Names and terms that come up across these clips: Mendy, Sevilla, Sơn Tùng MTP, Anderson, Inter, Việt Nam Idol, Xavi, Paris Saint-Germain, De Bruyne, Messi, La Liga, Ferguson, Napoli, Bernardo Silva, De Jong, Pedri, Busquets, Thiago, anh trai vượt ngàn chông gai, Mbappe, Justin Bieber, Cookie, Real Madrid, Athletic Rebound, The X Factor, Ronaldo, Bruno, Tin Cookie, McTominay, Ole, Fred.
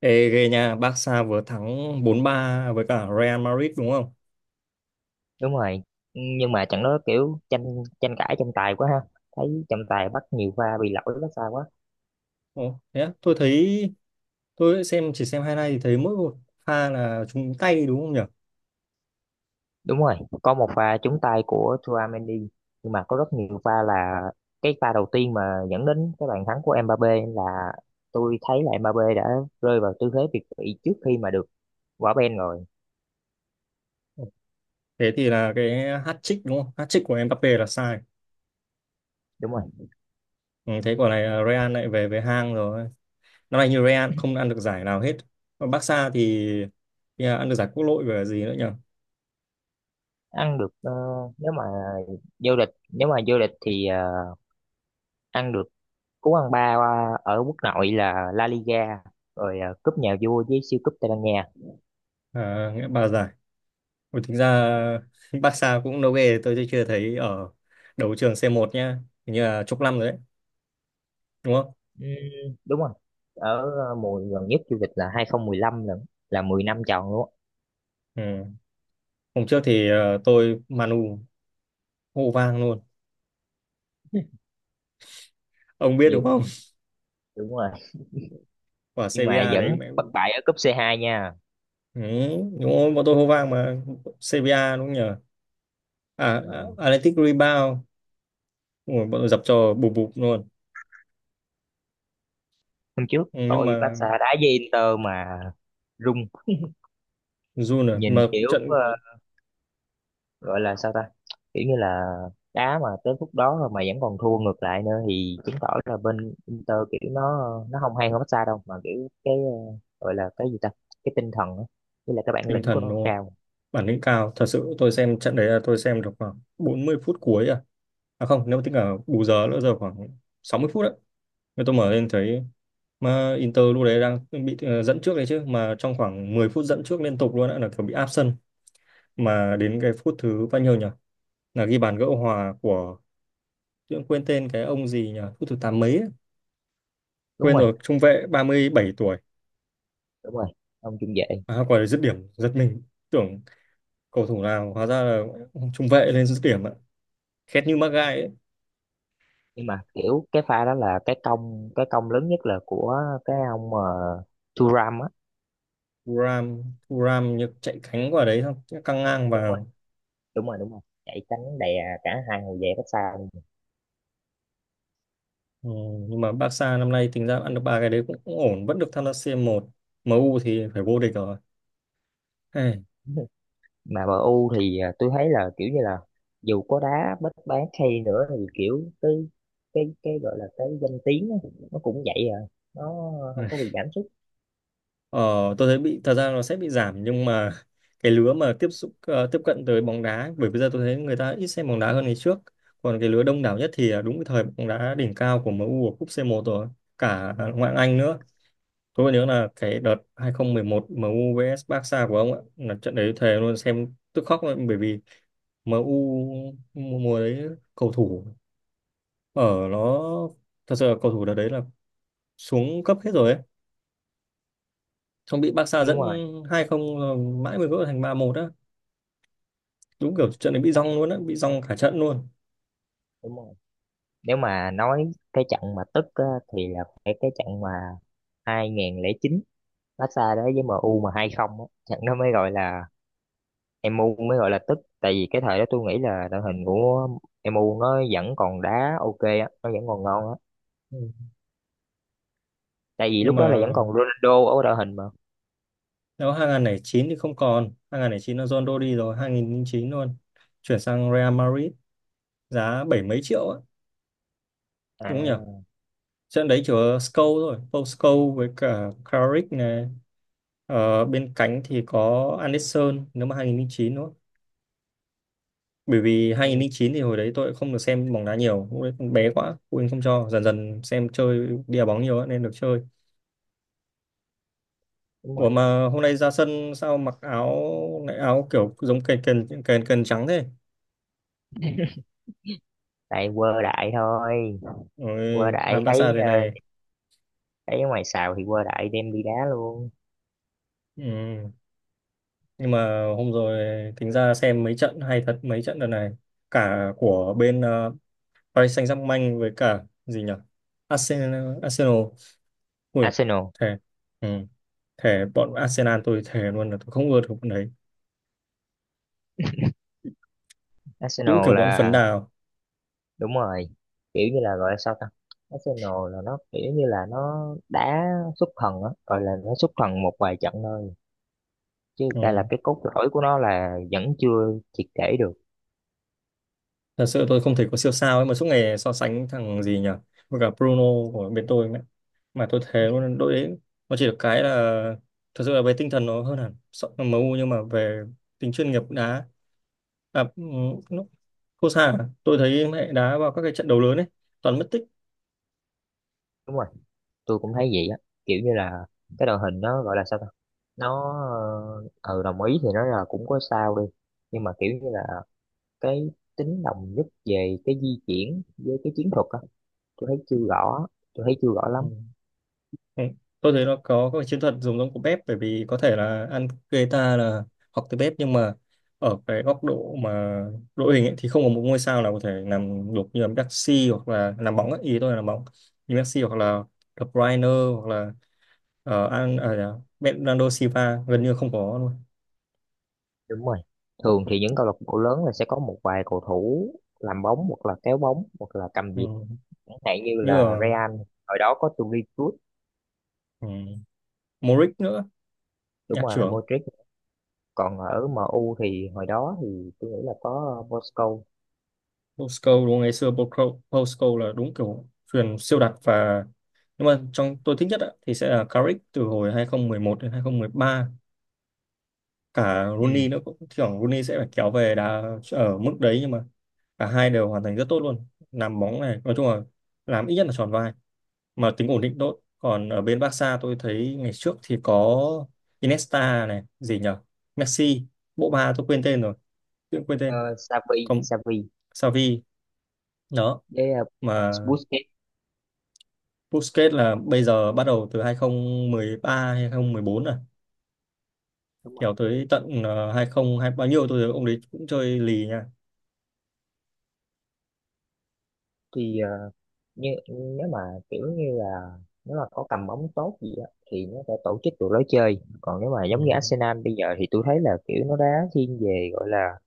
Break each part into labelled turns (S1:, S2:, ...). S1: Ê, ghê nha, Barca vừa thắng 4-3 với cả Real Madrid đúng không?
S2: Đúng rồi, nhưng mà trận đó kiểu tranh tranh cãi tranh tài quá ha. Thấy trọng tài bắt nhiều pha bị lỗi đó sao quá.
S1: Ồ, thế á, tôi thấy tôi chỉ xem highlight thì thấy mỗi một pha là trúng tay đúng không nhỉ?
S2: Đúng rồi, có một pha trúng tay của Mendy. Nhưng mà có rất nhiều pha là cái pha đầu tiên mà dẫn đến cái bàn thắng của Mbappé là tôi thấy là Mbappé đã rơi vào tư thế việt vị trước khi mà được quả bên rồi.
S1: Ồ, thế thì là cái hat-trick đúng không? Hat-trick của Mbappe là sai.
S2: Đúng rồi,
S1: Ừ, thế quả này là Real lại về với hang rồi. Năm nay như Real không ăn được giải nào hết. Còn Barca thì là ăn được giải quốc nội và gì nữa nhỉ?
S2: ăn được, nếu mà vô địch nếu mà vô địch thì, ăn được cú ăn ba, ở quốc nội là La Liga rồi, cúp nhà vua với siêu cúp Tây Ban Nha.
S1: À, nghĩa ba giải. Ôi, thực ra Barca cũng đâu ghê, tôi chưa thấy ở đấu trường C1 nhá. Hình như là chục năm rồi đấy. Đúng không?
S2: Ừ, đúng rồi. Ở, mùa gần nhất du lịch là 2015, lần là 10 năm tròn luôn á.
S1: Ừ. Hôm trước thì tôi Manu hô vang luôn. Ông biết đúng
S2: Như-
S1: không?
S2: Đúng rồi,
S1: Quả
S2: nhưng mà
S1: CBA đấy
S2: vẫn
S1: mẹ.
S2: bất bại ở cúp C2 nha.
S1: Ừ, đúng rồi, bọn tôi hô vang mà CBA đúng không nhờ. À,
S2: Đúng
S1: à,
S2: rồi.
S1: Athletic Rebound. Ủa, bọn tôi dập cho bụp bụp luôn.
S2: Hôm trước
S1: Ừ, nhưng
S2: tôi
S1: mà
S2: Barca đá với Inter mà rung
S1: run à.
S2: nhìn
S1: Mà
S2: kiểu,
S1: trận
S2: gọi là sao ta, kiểu như là đá mà tới phút đó rồi mà vẫn còn thua ngược lại nữa, thì chứng tỏ là bên Inter kiểu nó không hay hơn Barca đâu, mà kiểu cái, gọi là cái gì ta, cái tinh thần á với lại cái bản
S1: tinh
S2: lĩnh của
S1: thần
S2: nó
S1: đúng không,
S2: cao.
S1: bản lĩnh cao. Thật sự tôi xem trận đấy là tôi xem được khoảng 40 phút cuối à. À không, nếu mà tính cả bù giờ nữa giờ khoảng 60 phút đấy. Nên tôi mở lên thấy mà Inter lúc đấy đang bị dẫn trước đấy chứ, mà trong khoảng 10 phút dẫn trước liên tục luôn đã là kiểu bị áp sân, mà đến cái phút thứ bao nhiêu nhỉ, là ghi bàn gỡ hòa của tôi cũng quên tên cái ông gì nhỉ, phút thứ tám mấy ấy.
S2: Đúng
S1: Quên
S2: rồi,
S1: rồi, trung vệ 37 tuổi.
S2: đúng rồi, ông trung vệ.
S1: À, quả đấy dứt điểm giật mình, tưởng cầu thủ nào hóa ra là trung vệ lên dứt điểm ạ, khét như mắc gai ấy.
S2: Nhưng mà kiểu cái pha đó là cái công, cái công lớn nhất là của cái ông, Thuram á.
S1: Thuram. Thuram như chạy cánh quả đấy xong căng ngang
S2: Đúng rồi,
S1: vào.
S2: đúng rồi, đúng rồi, chạy tránh đè cả hai hậu vệ cách xa luôn.
S1: Ừ, nhưng mà Barca năm nay tính ra ăn được ba cái đấy cũng, cũng ổn, vẫn được tham gia C1. U thì phải vô địch rồi, hey.
S2: Mà MU thì à, tôi thấy là kiểu như là dù có đá bất bán hay nữa thì kiểu cái, cái gọi là cái danh tiếng á, nó cũng vậy à, nó không có bị giảm sút.
S1: Ờ, tôi thấy bị thật ra nó sẽ bị giảm nhưng mà cái lứa mà tiếp cận tới bóng đá ấy, bởi bây giờ tôi thấy người ta ít xem bóng đá hơn ngày trước, còn cái lứa đông đảo nhất thì đúng cái thời bóng đá đỉnh cao của MU ở cúp C1 rồi cả ngoại hạng Anh nữa. Tôi còn nhớ là cái đợt 2011 MU vs Barca của ông ạ, là trận đấy thề luôn xem tức khóc luôn bởi vì MU mùa mùa đấy cầu thủ ở nó, thật sự là cầu thủ đợt đấy là xuống cấp hết rồi ấy, không bị Barca
S2: Đúng
S1: dẫn
S2: rồi.
S1: 2-0, mãi mới gỡ thành 3-1 á, đúng kiểu trận này bị rong
S2: Tại,
S1: luôn á, bị rong cả trận luôn.
S2: đúng rồi, nếu mà nói cái trận mà tức á, thì là phải cái trận mà 2009 Barca đấy với MU mà 2-0 á, trận nó mới gọi là, MU mới gọi là tức, tại vì cái thời đó tôi nghĩ là đội hình của MU nó vẫn còn đá ok á, nó vẫn còn ngon á.
S1: Ừ.
S2: Tại vì
S1: Nhưng
S2: lúc đó là
S1: mà
S2: vẫn còn Ronaldo ở đội hình mà.
S1: nếu 2009 thì không còn. 2009 là Ronaldo đi rồi, 2009 luôn chuyển sang Real Madrid, giá bảy mấy triệu á, đúng không nhỉ?
S2: À,
S1: Trận đấy chỉ có Scholes rồi Paul Scholes với cả Carrick này. Ờ, bên cánh thì có Anderson. Nếu mà 2009 nữa, bởi vì hai
S2: ừ,
S1: không không chín thì hồi đấy tôi cũng không được xem bóng đá nhiều, lúc đấy còn bé quá phụ huynh không cho, dần dần xem chơi đi đá bóng nhiều á, nên được chơi.
S2: đúng
S1: Ủa
S2: rồi,
S1: mà hôm nay ra sân sao mặc áo lại áo kiểu giống kền kền kền kền trắng thế?
S2: tại quơ đại thôi. Quơ
S1: Ôi,
S2: đại
S1: Van
S2: thấy,
S1: Barca thế này.
S2: thấy ở ngoài xào thì quơ đại đem đi đá luôn.
S1: Ừ. Nhưng mà hôm rồi tính ra xem mấy trận hay thật, mấy trận đợt này cả của bên Paris Saint-Germain với cả gì nhỉ? Arsenal Arsenal. Ui,
S2: Arsenal.
S1: thề. Ừ. Thề bọn Arsenal tôi thề luôn là tôi không ưa được bọn đấy. Đúng
S2: Arsenal
S1: kiểu bọn phấn
S2: là
S1: đào.
S2: đúng rồi, kiểu như là gọi là sao ta, Arsenal là nó kiểu như là nó đá xuất thần á, gọi là nó xuất thần một vài trận thôi, chứ đây là
S1: Ừ.
S2: cái cốt lõi của nó là vẫn chưa triệt để được.
S1: Thật sự tôi không thể có siêu sao ấy mà suốt ngày so sánh thằng gì nhỉ với cả Bruno của bên tôi ấy. Mà tôi thấy luôn đội đấy nó chỉ được cái là, thật sự là về tinh thần nó hơn hẳn MU, nhưng mà về tính chuyên nghiệp đá, à, ừ, nó- Cô Sa à? Tôi thấy mẹ đá vào các cái trận đấu lớn ấy toàn mất tích.
S2: Đúng rồi, tôi cũng thấy vậy á, kiểu như là cái đội hình nó gọi là sao ta, nó, ờ ừ, đồng ý thì nó là cũng có sao đi, nhưng mà kiểu như là cái tính đồng nhất về cái di chuyển với cái chiến thuật á, tôi thấy chưa rõ tôi thấy chưa rõ
S1: Ừ.
S2: lắm.
S1: Ừ. Tôi thấy nó có các cái chiến thuật dùng giống của bếp bởi vì có thể là ăn Guetta là học từ bếp, nhưng mà ở cái góc độ mà đội hình ấy, thì không có một ngôi sao nào có thể làm được như là Messi hoặc là làm bóng ấy. Ý tôi là làm bóng như Messi hoặc là De Bruyne hoặc là ờ, An à, dạ, Bernardo Silva gần như không có luôn.
S2: Đúng rồi, thường thì những câu lạc bộ lớn là sẽ có một vài cầu thủ làm bóng hoặc là kéo bóng hoặc là cầm nhịp,
S1: Ừ.
S2: chẳng hạn như
S1: Như
S2: là
S1: là.
S2: Real hồi đó có Toni Kroos.
S1: Ừ. Modric nữa,
S2: Đúng
S1: nhạc
S2: rồi,
S1: trưởng.
S2: Modric. Còn ở MU thì hồi đó thì tôi nghĩ là có, Moscow.
S1: Postcode đúng không? Ngày xưa Postcode Postcode là đúng kiểu truyền siêu đặc và, nhưng mà trong tôi thích nhất á, thì sẽ là Carrick từ hồi 2011 đến 2013, cả
S2: Ừ.
S1: Rooney nữa, cũng thỉnh Rooney sẽ phải kéo về đá ở mức đấy nhưng mà cả hai đều hoàn thành rất tốt luôn, làm bóng này nói chung là làm ít nhất là tròn vai mà tính ổn định tốt. Còn ở bên Barca tôi thấy ngày trước thì có Iniesta này, gì nhở, Messi, bộ ba tôi quên tên rồi, tự quên tên.
S2: Xavi.
S1: Còn
S2: Xavi
S1: Xavi đó,
S2: với,
S1: mà
S2: Busquets.
S1: Busquets là bây giờ bắt đầu từ 2013 hay 2014 rồi.
S2: Đúng rồi,
S1: Kiểu tới tận 2020 bao nhiêu tôi thấy ông đấy cũng chơi lì nha.
S2: thì, nếu mà kiểu như là nếu mà có cầm bóng tốt gì á thì nó sẽ tổ chức được lối chơi, còn nếu mà
S1: Ừ.
S2: giống như Arsenal bây giờ thì tôi thấy là kiểu nó đá thiên về gọi là,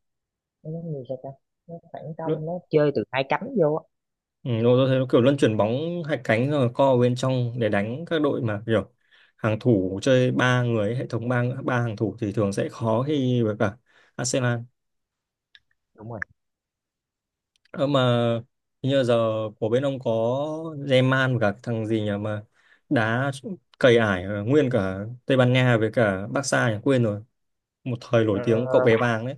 S2: nó giống như sao ta, nó phản
S1: Lu-
S2: công, nó chơi từ hai cánh vô á.
S1: Ừ, tôi thấy nó kiểu luân chuyển bóng hai cánh rồi co vào bên trong để đánh các đội mà kiểu hàng thủ chơi ba người ấy, hệ thống ba ba hàng thủ thì thường sẽ khó khi với cả Arsenal.
S2: Đúng rồi.
S1: Ờ, mà hình như giờ của bên ông có Zeman và cả thằng gì nhỉ mà đá cầy ải nguyên cả Tây Ban Nha với cả Barca nhỉ? Quên rồi. Một thời nổi
S2: Ờ,
S1: tiếng cậu bé vàng đấy.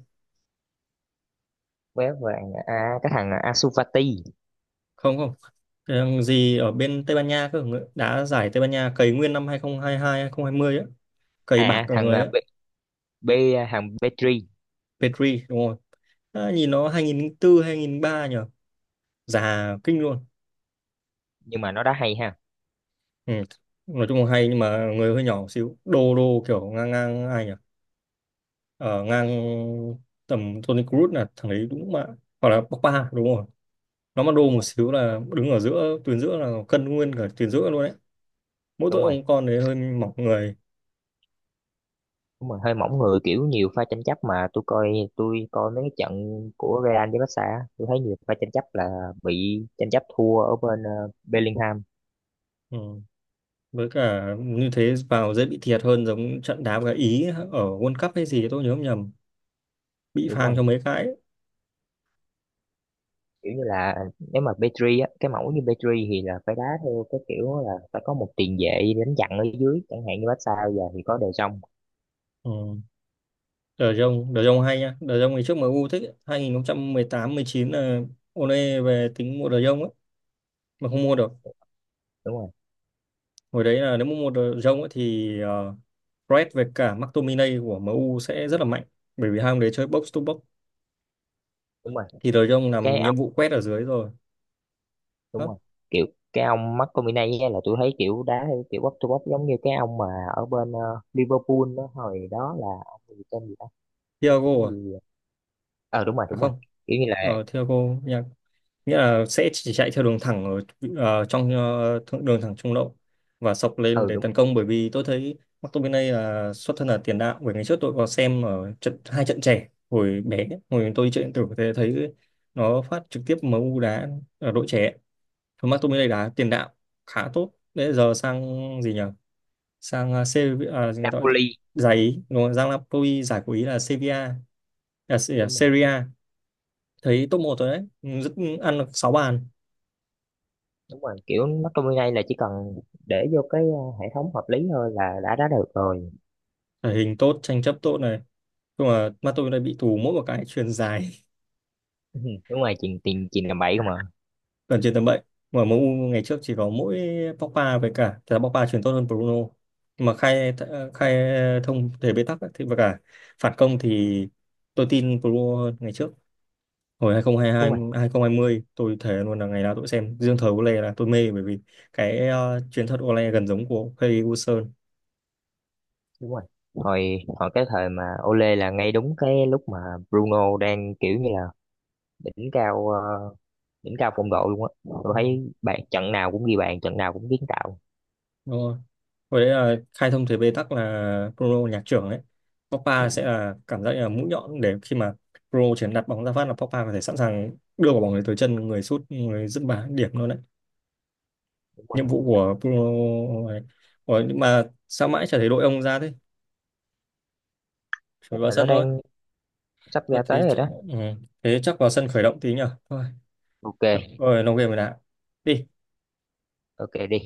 S2: bé vàng à, cái thằng Ansu Fati.
S1: Không không. Thằng gì ở bên Tây Ban Nha cơ, đá giải Tây Ban Nha cày nguyên năm 2022 2020 á, cày bạc
S2: À,
S1: cả
S2: thằng,
S1: người
S2: ờ,
S1: á.
S2: B, B ờ, thằng Petri.
S1: Pedri đúng rồi. À, nhìn nó 2004 ba nhỉ, già kinh luôn.
S2: Nhưng mà nó đá hay ha.
S1: Ừ. Nói chung là hay nhưng mà người hơi nhỏ một xíu, đô đô kiểu ngang ngang ai nhỉ, ở ngang tầm Toni Kroos là thằng đấy đúng mà, hoặc là Pogba đúng rồi. Nó mà đô
S2: Đúng
S1: một
S2: rồi.
S1: xíu là đứng ở giữa tuyến giữa là cân nguyên cả tuyến giữa luôn đấy. Mỗi
S2: Đúng
S1: tội
S2: rồi,
S1: ông con đấy hơi mỏng người.
S2: đúng rồi, hơi mỏng người, kiểu nhiều pha tranh chấp mà tôi coi mấy cái trận của Real với Barca á, tôi thấy nhiều pha tranh chấp là bị tranh chấp thua ở bên, Bellingham.
S1: Ừ. Với cả như thế vào dễ bị thiệt hơn giống trận đá với cả Ý ở World Cup hay gì, tôi nhớ không nhầm, bị
S2: Đúng
S1: phang
S2: rồi,
S1: cho mấy cái ấy.
S2: kiểu như là nếu mà Pedri á, cái mẫu như Pedri thì là phải đá theo cái kiểu là phải có một tiền vệ đánh chặn ở dưới, chẳng hạn như Barca bây giờ thì có De Jong.
S1: Ừ. De Jong, De Jong hay nha, De Jong ngày trước MU thích ấy. 2018-19 là Ole về tính mua De Jong ấy mà không mua được.
S2: Đúng rồi,
S1: Hồi đấy là nếu mà mua De Jong ấy thì Fred với cả McTominay của MU sẽ rất là mạnh bởi vì hai ông đấy chơi box to box,
S2: đúng rồi,
S1: thì De Jong
S2: cái
S1: làm nhiệm
S2: ông,
S1: vụ quét ở dưới rồi.
S2: đúng
S1: Đó.
S2: rồi, kiểu cái ông McTominay á là tôi thấy kiểu đá theo kiểu bóc to bóc giống như cái ông mà ở bên, Liverpool đó, hồi đó là ông gì, tên gì đó. Cái
S1: Thiago à?
S2: gì, ờ đúng rồi,
S1: À
S2: đúng rồi,
S1: không,
S2: kiểu như là
S1: Thiago nha, nghĩa là sẽ chỉ chạy theo đường thẳng ở trong đường thẳng trung lộ, và sọc lên
S2: ừ
S1: để
S2: đúng.
S1: tấn công, bởi vì tôi thấy McTominay là xuất thân là tiền đạo, bởi ngày trước tôi có xem ở trận, hai trận trẻ hồi bé hồi tôi chơi điện tử, thế thấy nó phát trực tiếp em u đá ở đội trẻ. Thôi, McTominay đá tiền đạo khá tốt, bây giờ sang gì nhỉ, sang Serie, người ta
S2: Napoli.
S1: giải Ý đúng không? Giang Napoli giải của Ý là Sevilla,
S2: Đúng rồi,
S1: Serie A. Thấy top một rồi đấy. Ừ, rất, ăn được 6 bàn.
S2: đúng rồi, kiểu nó trong này là chỉ cần để vô cái, hệ thống hợp lý thôi là đã đá được rồi.
S1: Thể hình tốt, tranh chấp tốt này, nhưng mà mắt tôi đã bị tù mỗi một cái chuyền dài.
S2: Ừ, đúng rồi, chuyền tiền chuyền làm bậy không à.
S1: Gần chuyền tầm bậy. Mà em u ngày trước chỉ có mỗi Pogba với cả, thật ra Pogba chuyền tốt hơn Bruno nhưng mà khai khai thông thể bế tắc ấy, thì và cả phản công thì tôi tin Bruno hơn. Ngày trước hồi hai không hai hai
S2: Đúng rồi,
S1: hai 2020 tôi thề luôn là ngày nào tôi cũng xem, riêng thời Ole là tôi mê bởi vì cái chuyền thuật Ole gần giống của Ferguson.
S2: đúng rồi, hồi hồi cái thời mà Ole là ngay đúng cái lúc mà Bruno đang kiểu như là đỉnh cao, đỉnh cao phong độ luôn á, tôi thấy bạn trận nào cũng ghi bàn, trận nào cũng kiến tạo.
S1: Đúng rồi. Với đấy, khai thông thế bế tắc là Bruno nhạc trưởng đấy. Pogba sẽ là cảm giác như là mũi nhọn, để khi mà Bruno chỉ cần đặt bóng ra phát là Pogba có thể sẵn sàng đưa quả bóng đấy tới chân người sút, người dứt bàn điểm luôn đấy.
S2: Đúng
S1: Nhiệm
S2: rồi,
S1: vụ của Bruno này. Ủa, nhưng mà sao mãi chả thấy đội ông ra thế?
S2: tức
S1: Chuẩn bị vào
S2: là nó
S1: sân thôi.
S2: đang sắp
S1: Thôi
S2: ra
S1: thế,
S2: tới rồi đó.
S1: ừ. Thế chắc vào sân khởi động tí nhở. Thôi,
S2: OK.
S1: rồi nó game rồi đã. Đi.
S2: OK, đi.